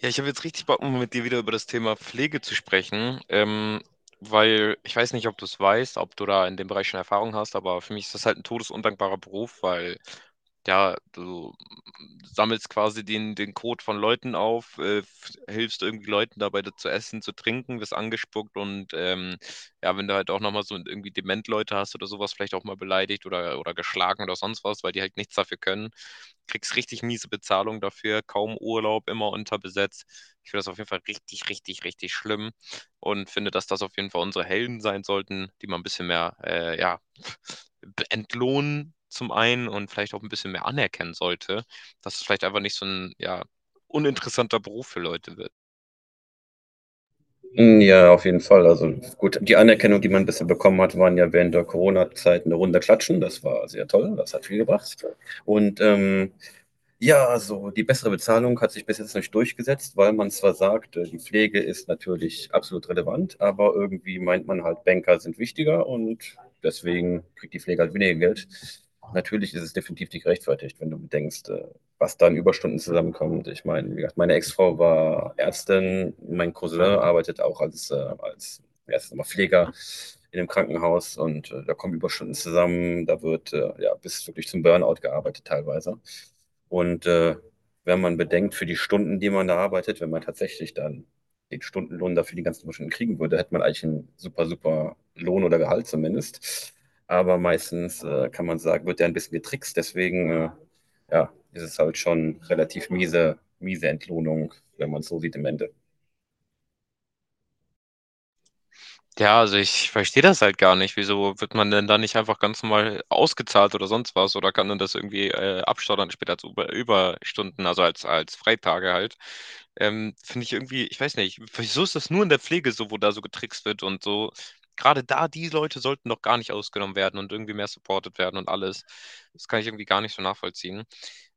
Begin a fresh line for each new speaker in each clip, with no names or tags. Ja, ich habe jetzt richtig Bock, mit dir wieder über das Thema Pflege zu sprechen, weil ich weiß nicht, ob du es weißt, ob du da in dem Bereich schon Erfahrung hast, aber für mich ist das halt ein todesundankbarer Beruf, weil ja, du sammelst quasi den Kot von Leuten auf, hilfst irgendwie Leuten dabei, das zu essen, zu trinken, wirst angespuckt und ja, wenn du halt auch nochmal so irgendwie Dement-Leute hast oder sowas, vielleicht auch mal beleidigt oder geschlagen oder sonst was, weil die halt nichts dafür können, kriegst richtig miese Bezahlung dafür, kaum Urlaub, immer unterbesetzt. Ich finde das auf jeden Fall richtig, richtig, richtig schlimm und finde, dass das auf jeden Fall unsere Helden sein sollten, die mal ein bisschen mehr, ja, entlohnen zum einen und vielleicht auch ein bisschen mehr anerkennen sollte, dass es vielleicht einfach nicht so ein, ja, uninteressanter Beruf für Leute.
Hm, ja, auf jeden Fall. Also gut, die Anerkennung, die man bisher bekommen hat, waren ja während der Corona-Zeit eine Runde klatschen. Das war sehr toll, das hat viel gebracht. Und ähm, ja, also die bessere Bezahlung hat sich bis jetzt nicht durchgesetzt, weil man zwar sagt, die Pflege ist natürlich absolut relevant, aber irgendwie meint man halt, Banker sind wichtiger und deswegen kriegt die Pflege halt weniger Geld. Natürlich ist es definitiv nicht gerechtfertigt, wenn du bedenkst, was da an Überstunden zusammenkommt. Ich meine, wie gesagt, meine Ex-Frau war Ärztin, mein Cousin arbeitet auch als, als wie heißt das nochmal, Pfleger in einem Krankenhaus und da kommen Überstunden zusammen, da wird ja bis wirklich zum Burnout gearbeitet teilweise. Und äh, wenn man bedenkt, für die Stunden, die man da arbeitet, wenn man tatsächlich dann den Stundenlohn dafür die ganzen Stunden kriegen würde, hätte man eigentlich einen super, super Lohn oder Gehalt zumindest. Aber meistens kann man sagen, wird der ein bisschen getrickst. Deswegen ja, ist es halt schon relativ miese, miese Entlohnung, wenn man es so sieht im Endeffekt.
Ja, also ich verstehe das halt gar nicht. Wieso wird man denn da nicht einfach ganz normal ausgezahlt oder sonst was? Oder kann man das irgendwie abstottern später als Überstunden, also als Freitage halt? Finde ich irgendwie, ich weiß nicht, wieso ist das nur in der Pflege so, wo da so getrickst wird und so? Gerade da, die Leute sollten doch gar nicht ausgenommen werden und irgendwie mehr supported werden und alles. Das kann ich irgendwie gar nicht so nachvollziehen.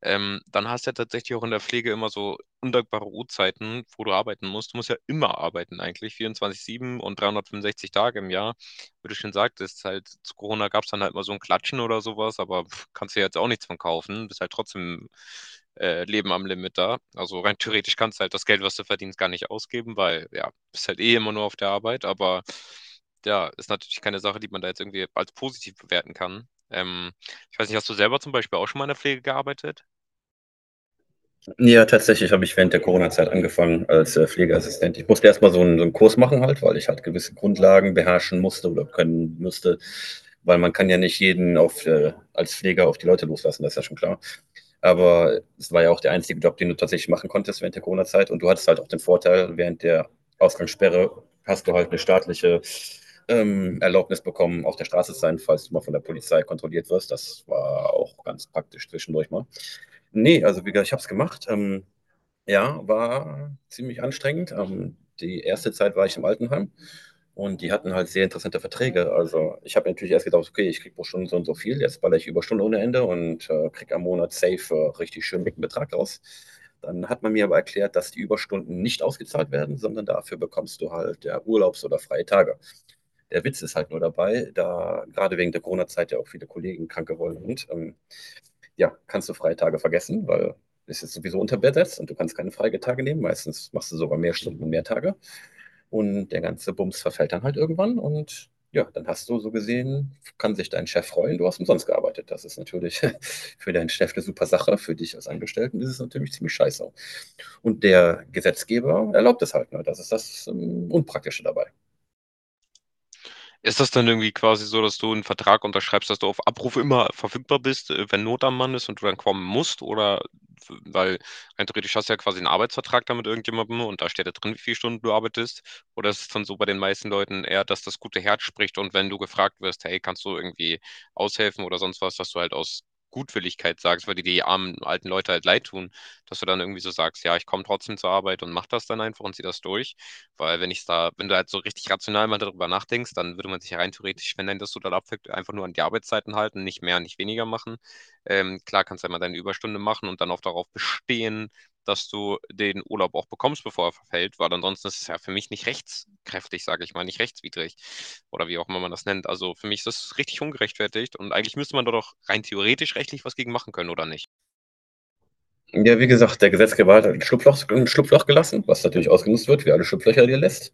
Dann hast du ja tatsächlich auch in der Pflege immer so untragbare Uhrzeiten, wo du arbeiten musst. Du musst ja immer arbeiten eigentlich, 24/7 und 365 Tage im Jahr. Würde ich schon sagen, das ist halt zu Corona gab es dann halt immer so ein Klatschen oder sowas. Aber pff, kannst du jetzt auch nichts von kaufen. Bist halt trotzdem leben am Limit da. Also rein theoretisch kannst du halt das Geld, was du verdienst, gar nicht ausgeben, weil ja, bist halt eh immer nur auf der Arbeit. Aber ja, ist natürlich keine Sache, die man da jetzt irgendwie als positiv bewerten kann. Ich weiß nicht, hast du selber zum Beispiel auch schon mal in der Pflege gearbeitet?
Ja, tatsächlich habe ich während der Corona-Zeit angefangen als Pflegeassistent. Ich musste erstmal so einen Kurs machen halt, weil ich halt gewisse Grundlagen beherrschen musste oder können müsste, weil man kann ja nicht jeden auf, als Pfleger auf die Leute loslassen, das ist ja schon klar. Aber es war ja auch der einzige Job, den du tatsächlich machen konntest während der Corona-Zeit und du hattest halt auch den Vorteil, während der Ausgangssperre hast du halt eine staatliche Erlaubnis bekommen, auf der Straße zu sein, falls du mal von der Polizei kontrolliert wirst. Das war auch ganz praktisch zwischendurch mal. Ne, also wie gesagt, ich habe es gemacht. Ja, war ziemlich anstrengend. Die erste Zeit war ich im Altenheim und die hatten halt sehr interessante Verträge. Also, ich habe natürlich erst gedacht: „Okay, ich kriege pro Stunde so und so viel, jetzt ballere ich Überstunden ohne Ende und, kriege am Monat safe, richtig schön dicken Betrag raus.“ Dann hat man mir aber erklärt, dass die Überstunden nicht ausgezahlt werden, sondern dafür bekommst du halt, ja, Urlaubs oder freie Tage. Der Witz ist halt nur dabei, da grade wegen der Corona-Zeit ja auch viele Kollegen krank geworden sind, ja, kannst du Freitage vergessen, weil es ist sowieso unterbesetzt und du kannst keine Freitage nehmen. Meistens machst du sogar mehr Stunden und mehr Tage. Und der ganze Bums verfällt dann halt irgendwann und ja, dann hast du so gesehen, kann sich dein Chef freuen, du hast umsonst gearbeitet. Das ist natürlich für deinen Chef eine super Sache, für dich als Angestellten ist es natürlich ziemlich scheiße. Und der Gesetzgeber erlaubt es halt, ne? Das ist das Unpraktische dabei.
Ist das dann irgendwie quasi so, dass du einen Vertrag unterschreibst, dass du auf Abruf immer verfügbar bist, wenn Not am Mann ist und du dann kommen musst? Oder w weil rein theoretisch hast du ja quasi einen Arbeitsvertrag da mit irgendjemandem und da steht da drin, wie viele Stunden du arbeitest? Oder ist es dann so bei den meisten Leuten eher, dass das gute Herz spricht und wenn du gefragt wirst: „Hey, kannst du irgendwie aushelfen oder sonst was“, dass du halt aus Gutwilligkeit sagst, weil dir die armen alten Leute halt leid tun, dass du dann irgendwie so sagst: „Ja, ich komme trotzdem zur Arbeit und mache das dann einfach und ziehe das durch“? Weil wenn ich da, wenn du halt so richtig rational mal darüber nachdenkst, dann würde man sich ja rein theoretisch, wenn dein das total abfällt, einfach nur an die Arbeitszeiten halten, nicht mehr, nicht weniger machen. Klar kannst du einmal deine Überstunde machen und dann auch darauf bestehen, dass du den Urlaub auch bekommst, bevor er verfällt, weil ansonsten ist es ja für mich nicht rechtskräftig, sage ich mal, nicht rechtswidrig oder wie auch immer man das nennt. Also für mich ist das richtig ungerechtfertigt und eigentlich müsste man da doch rein theoretisch rechtlich was gegen machen können, oder nicht?
Ja, wie gesagt, der Gesetzgeber hat halt ein Schlupfloch gelassen, was natürlich ausgenutzt wird, wie alle Schlupflöcher, die er lässt.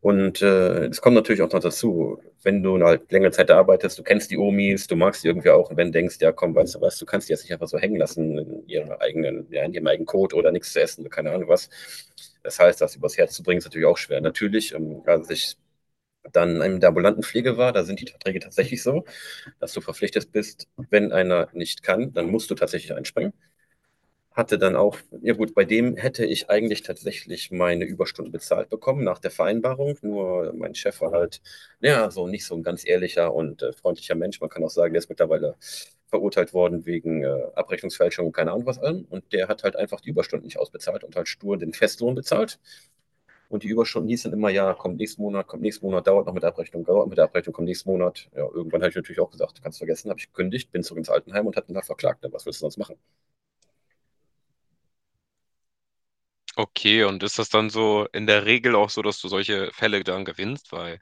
Es kommt natürlich auch noch dazu, wenn du halt längere Zeit da arbeitest, du kennst die Omis, du magst die irgendwie auch, und wenn du denkst, ja komm, weißt du was, du kannst die jetzt nicht einfach so hängen lassen in ihrem eigenen, ja, in ihrem eigenen Kot oder nichts zu essen, keine Ahnung was. Das heißt, das übers Herz zu bringen, ist natürlich auch schwer. Natürlich, als ich dann in der ambulanten Pflege war, da sind die Verträge tatsächlich so, dass du verpflichtet bist, wenn einer nicht kann, dann musst du tatsächlich einspringen. Hatte dann auch, ja gut, bei dem hätte ich eigentlich tatsächlich meine Überstunden bezahlt bekommen nach der Vereinbarung. Nur mein Chef war halt, ja, so nicht so ein ganz ehrlicher und freundlicher Mensch. Man kann auch sagen, der ist mittlerweile verurteilt worden wegen Abrechnungsfälschung und keine Ahnung was allem. Und der hat halt einfach die Überstunden nicht ausbezahlt und halt stur den Festlohn bezahlt. Und die Überstunden hießen immer, ja, kommt nächsten Monat, dauert noch mit der Abrechnung, dauert mit der Abrechnung, kommt nächsten Monat. Ja, irgendwann habe ich natürlich auch gesagt, kannst vergessen, habe ich gekündigt, bin zurück ins Altenheim und hatte ihn da verklagt. Was willst du sonst machen?
Okay, und ist das dann so in der Regel auch so, dass du solche Fälle dann gewinnst? Weil,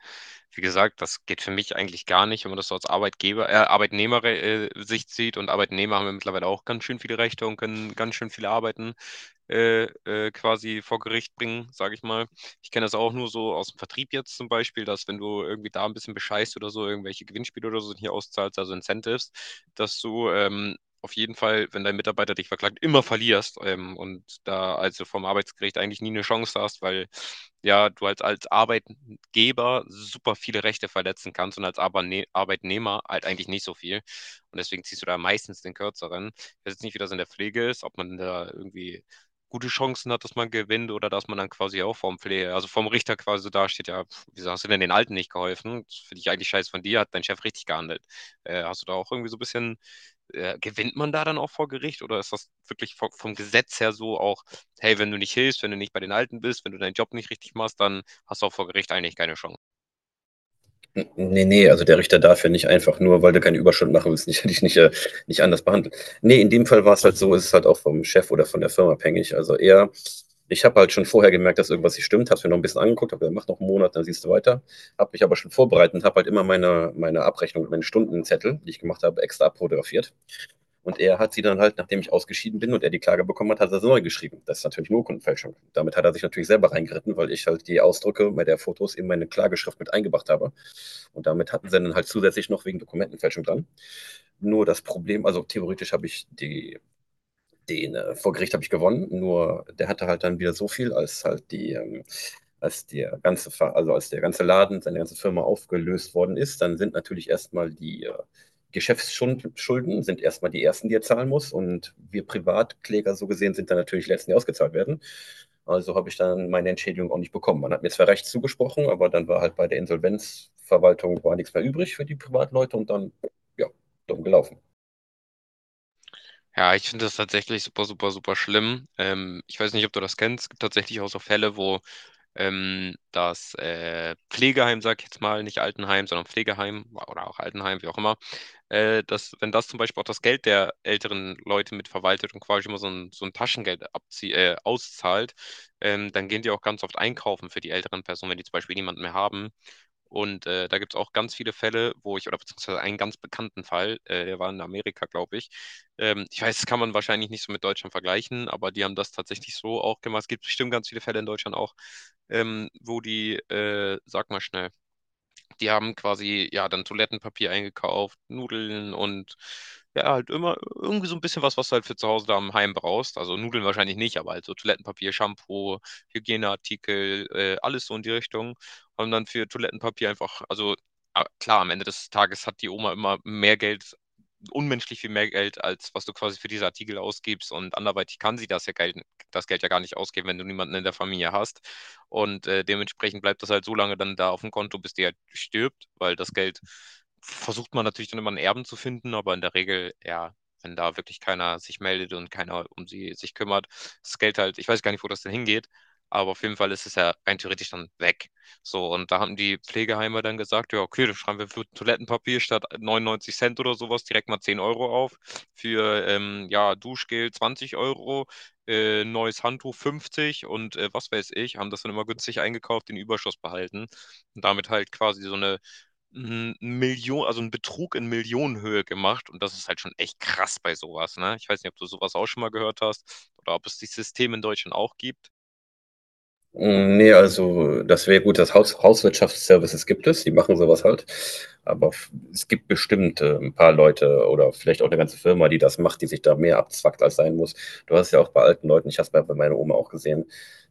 wie gesagt, das geht für mich eigentlich gar nicht, wenn man das so als Arbeitgeber, Arbeitnehmer, Sicht sieht. Und Arbeitnehmer haben ja mittlerweile auch ganz schön viele Rechte und können ganz schön viele Arbeiten quasi vor Gericht bringen, sage ich mal. Ich kenne das auch nur so aus dem Vertrieb jetzt zum Beispiel, dass wenn du irgendwie da ein bisschen bescheißt oder so, irgendwelche Gewinnspiele oder so hier auszahlst, also Incentives, dass du auf jeden Fall, wenn dein Mitarbeiter dich verklagt, immer verlierst und da also vom Arbeitsgericht eigentlich nie eine Chance hast, weil ja, du halt als Arbeitgeber super viele Rechte verletzen kannst und als Arbeitnehmer halt eigentlich nicht so viel. Und deswegen ziehst du da meistens den Kürzeren. Ich weiß jetzt nicht, wie das in der Pflege ist, ob man da irgendwie gute Chancen hat, dass man gewinnt oder dass man dann quasi auch vom Pflege, also vom Richter quasi so dasteht, ja, pf, wieso hast du denn den Alten nicht geholfen? Das finde ich eigentlich scheiße von dir, hat dein Chef richtig gehandelt. Hast du da auch irgendwie so ein bisschen gewinnt man da dann auch vor Gericht oder ist das wirklich vom Gesetz her so auch, hey, wenn du nicht hilfst, wenn du nicht bei den Alten bist, wenn du deinen Job nicht richtig machst, dann hast du auch vor Gericht eigentlich keine Chance.
Nee, nee, also der Richter darf ja nicht einfach nur, weil du keine Überstunden machen willst, nicht, dich nicht, nicht anders behandeln. Nee, in dem Fall war es halt so, ist es halt auch vom Chef oder von der Firma abhängig. Also eher, ich habe halt schon vorher gemerkt, dass irgendwas nicht stimmt, habe es mir noch ein bisschen angeguckt, habe gesagt, mach noch einen Monat, dann siehst du weiter. Habe mich aber schon vorbereitet und habe halt immer meine Abrechnung, meine Stundenzettel, die ich gemacht habe, extra abfotografiert. Und er hat sie dann halt, nachdem ich ausgeschieden bin und er die Klage bekommen hat, hat er sie neu geschrieben. Das ist natürlich eine Urkundenfälschung. Damit hat er sich natürlich selber reingeritten, weil ich halt die Ausdrücke bei der Fotos in meine Klageschrift mit eingebracht habe. Und damit hatten sie dann halt zusätzlich noch wegen Dokumentenfälschung dran. Nur das Problem, also theoretisch habe ich die den vor Gericht habe ich gewonnen, nur der hatte halt dann wieder so viel, als halt die, als also als der ganze Laden, seine ganze Firma aufgelöst worden ist, dann sind natürlich erstmal die Geschäftsschulden sind erstmal die ersten, die er zahlen muss. Und wir Privatkläger so gesehen sind dann natürlich die letzten, die ausgezahlt werden. Also habe ich dann meine Entschädigung auch nicht bekommen. Man hat mir zwar recht zugesprochen, aber dann war halt bei der Insolvenzverwaltung war nichts mehr übrig für die Privatleute und dann, ja, dumm gelaufen.
Ja, ich finde das tatsächlich super, super, super schlimm. Ich weiß nicht, ob du das kennst. Es gibt tatsächlich auch so Fälle, wo das Pflegeheim, sag ich jetzt mal, nicht Altenheim, sondern Pflegeheim oder auch Altenheim, wie auch immer, dass, wenn das zum Beispiel auch das Geld der älteren Leute mitverwaltet und quasi immer so ein Taschengeld abzie auszahlt, dann gehen die auch ganz oft einkaufen für die älteren Personen, wenn die zum Beispiel niemanden mehr haben. Und da gibt es auch ganz viele Fälle, wo ich, oder beziehungsweise einen ganz bekannten Fall, der war in Amerika, glaube ich. Ich weiß, das kann man wahrscheinlich nicht so mit Deutschland vergleichen, aber die haben das tatsächlich so auch gemacht. Es gibt bestimmt ganz viele Fälle in Deutschland auch, wo die, sag mal schnell, die haben quasi ja dann Toilettenpapier eingekauft, Nudeln und ja, halt immer irgendwie so ein bisschen was, was du halt für zu Hause da im Heim brauchst. Also Nudeln wahrscheinlich nicht, aber halt so Toilettenpapier, Shampoo, Hygieneartikel, alles so in die Richtung. Haben dann für Toilettenpapier einfach, also ah, klar, am Ende des Tages hat die Oma immer mehr Geld, unmenschlich viel mehr Geld, als was du quasi für diese Artikel ausgibst. Und anderweitig kann sie das ja Geld, das Geld ja gar nicht ausgeben, wenn du niemanden in der Familie hast. Und dementsprechend bleibt das halt so lange dann da auf dem Konto, bis die halt stirbt, weil das Geld versucht man natürlich dann immer einen Erben zu finden, aber in der Regel, ja, wenn da wirklich keiner sich meldet und keiner um sie sich kümmert, das Geld halt, ich weiß gar nicht, wo das denn hingeht, aber auf jeden Fall ist es ja rein theoretisch dann weg. So, und da haben die Pflegeheime dann gesagt, ja, okay, dann schreiben wir für Toilettenpapier statt 99 Cent oder sowas direkt mal 10 € auf, für ja, Duschgel 20 € neues Handtuch 50 und was weiß ich, haben das dann immer günstig eingekauft, den Überschuss behalten und damit halt quasi so eine Million, also einen Betrug in Millionenhöhe gemacht und das ist halt schon echt krass bei sowas, ne? Ich weiß nicht, ob du sowas auch schon mal gehört hast oder ob es die Systeme in Deutschland auch gibt.
Mm, nee, also das wäre gut, das Hauswirtschaftsservices gibt es, die machen sowas halt. Aber es gibt bestimmt ein paar Leute oder vielleicht auch eine ganze Firma, die das macht, die sich da mehr abzwackt, als sein muss. Du hast es ja auch bei alten Leuten, ich habe es bei meiner Oma auch gesehen,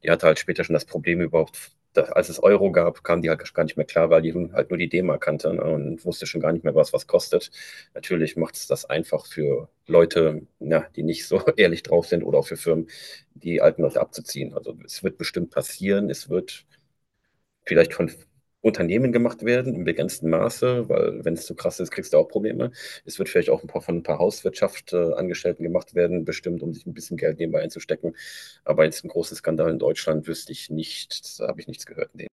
die hatte halt später schon das Problem überhaupt, dass, als es Euro gab, kam die halt gar nicht mehr klar, weil die nun halt nur die D-Mark kannte, ne, und wusste schon gar nicht mehr, was was kostet. Natürlich macht es das einfach für Leute, ja, die nicht so ehrlich drauf sind oder auch für Firmen die alten Leute abzuziehen. Also es wird bestimmt passieren, es wird vielleicht von Unternehmen gemacht werden im begrenzten Maße, weil wenn es zu krass ist, kriegst du auch Probleme. Es wird vielleicht auch ein paar, von ein paar Hauswirtschaftsangestellten gemacht werden, bestimmt, um sich ein bisschen Geld nebenbei einzustecken. Aber jetzt ein großen Skandal in Deutschland wüsste ich nicht, da habe ich nichts gehört in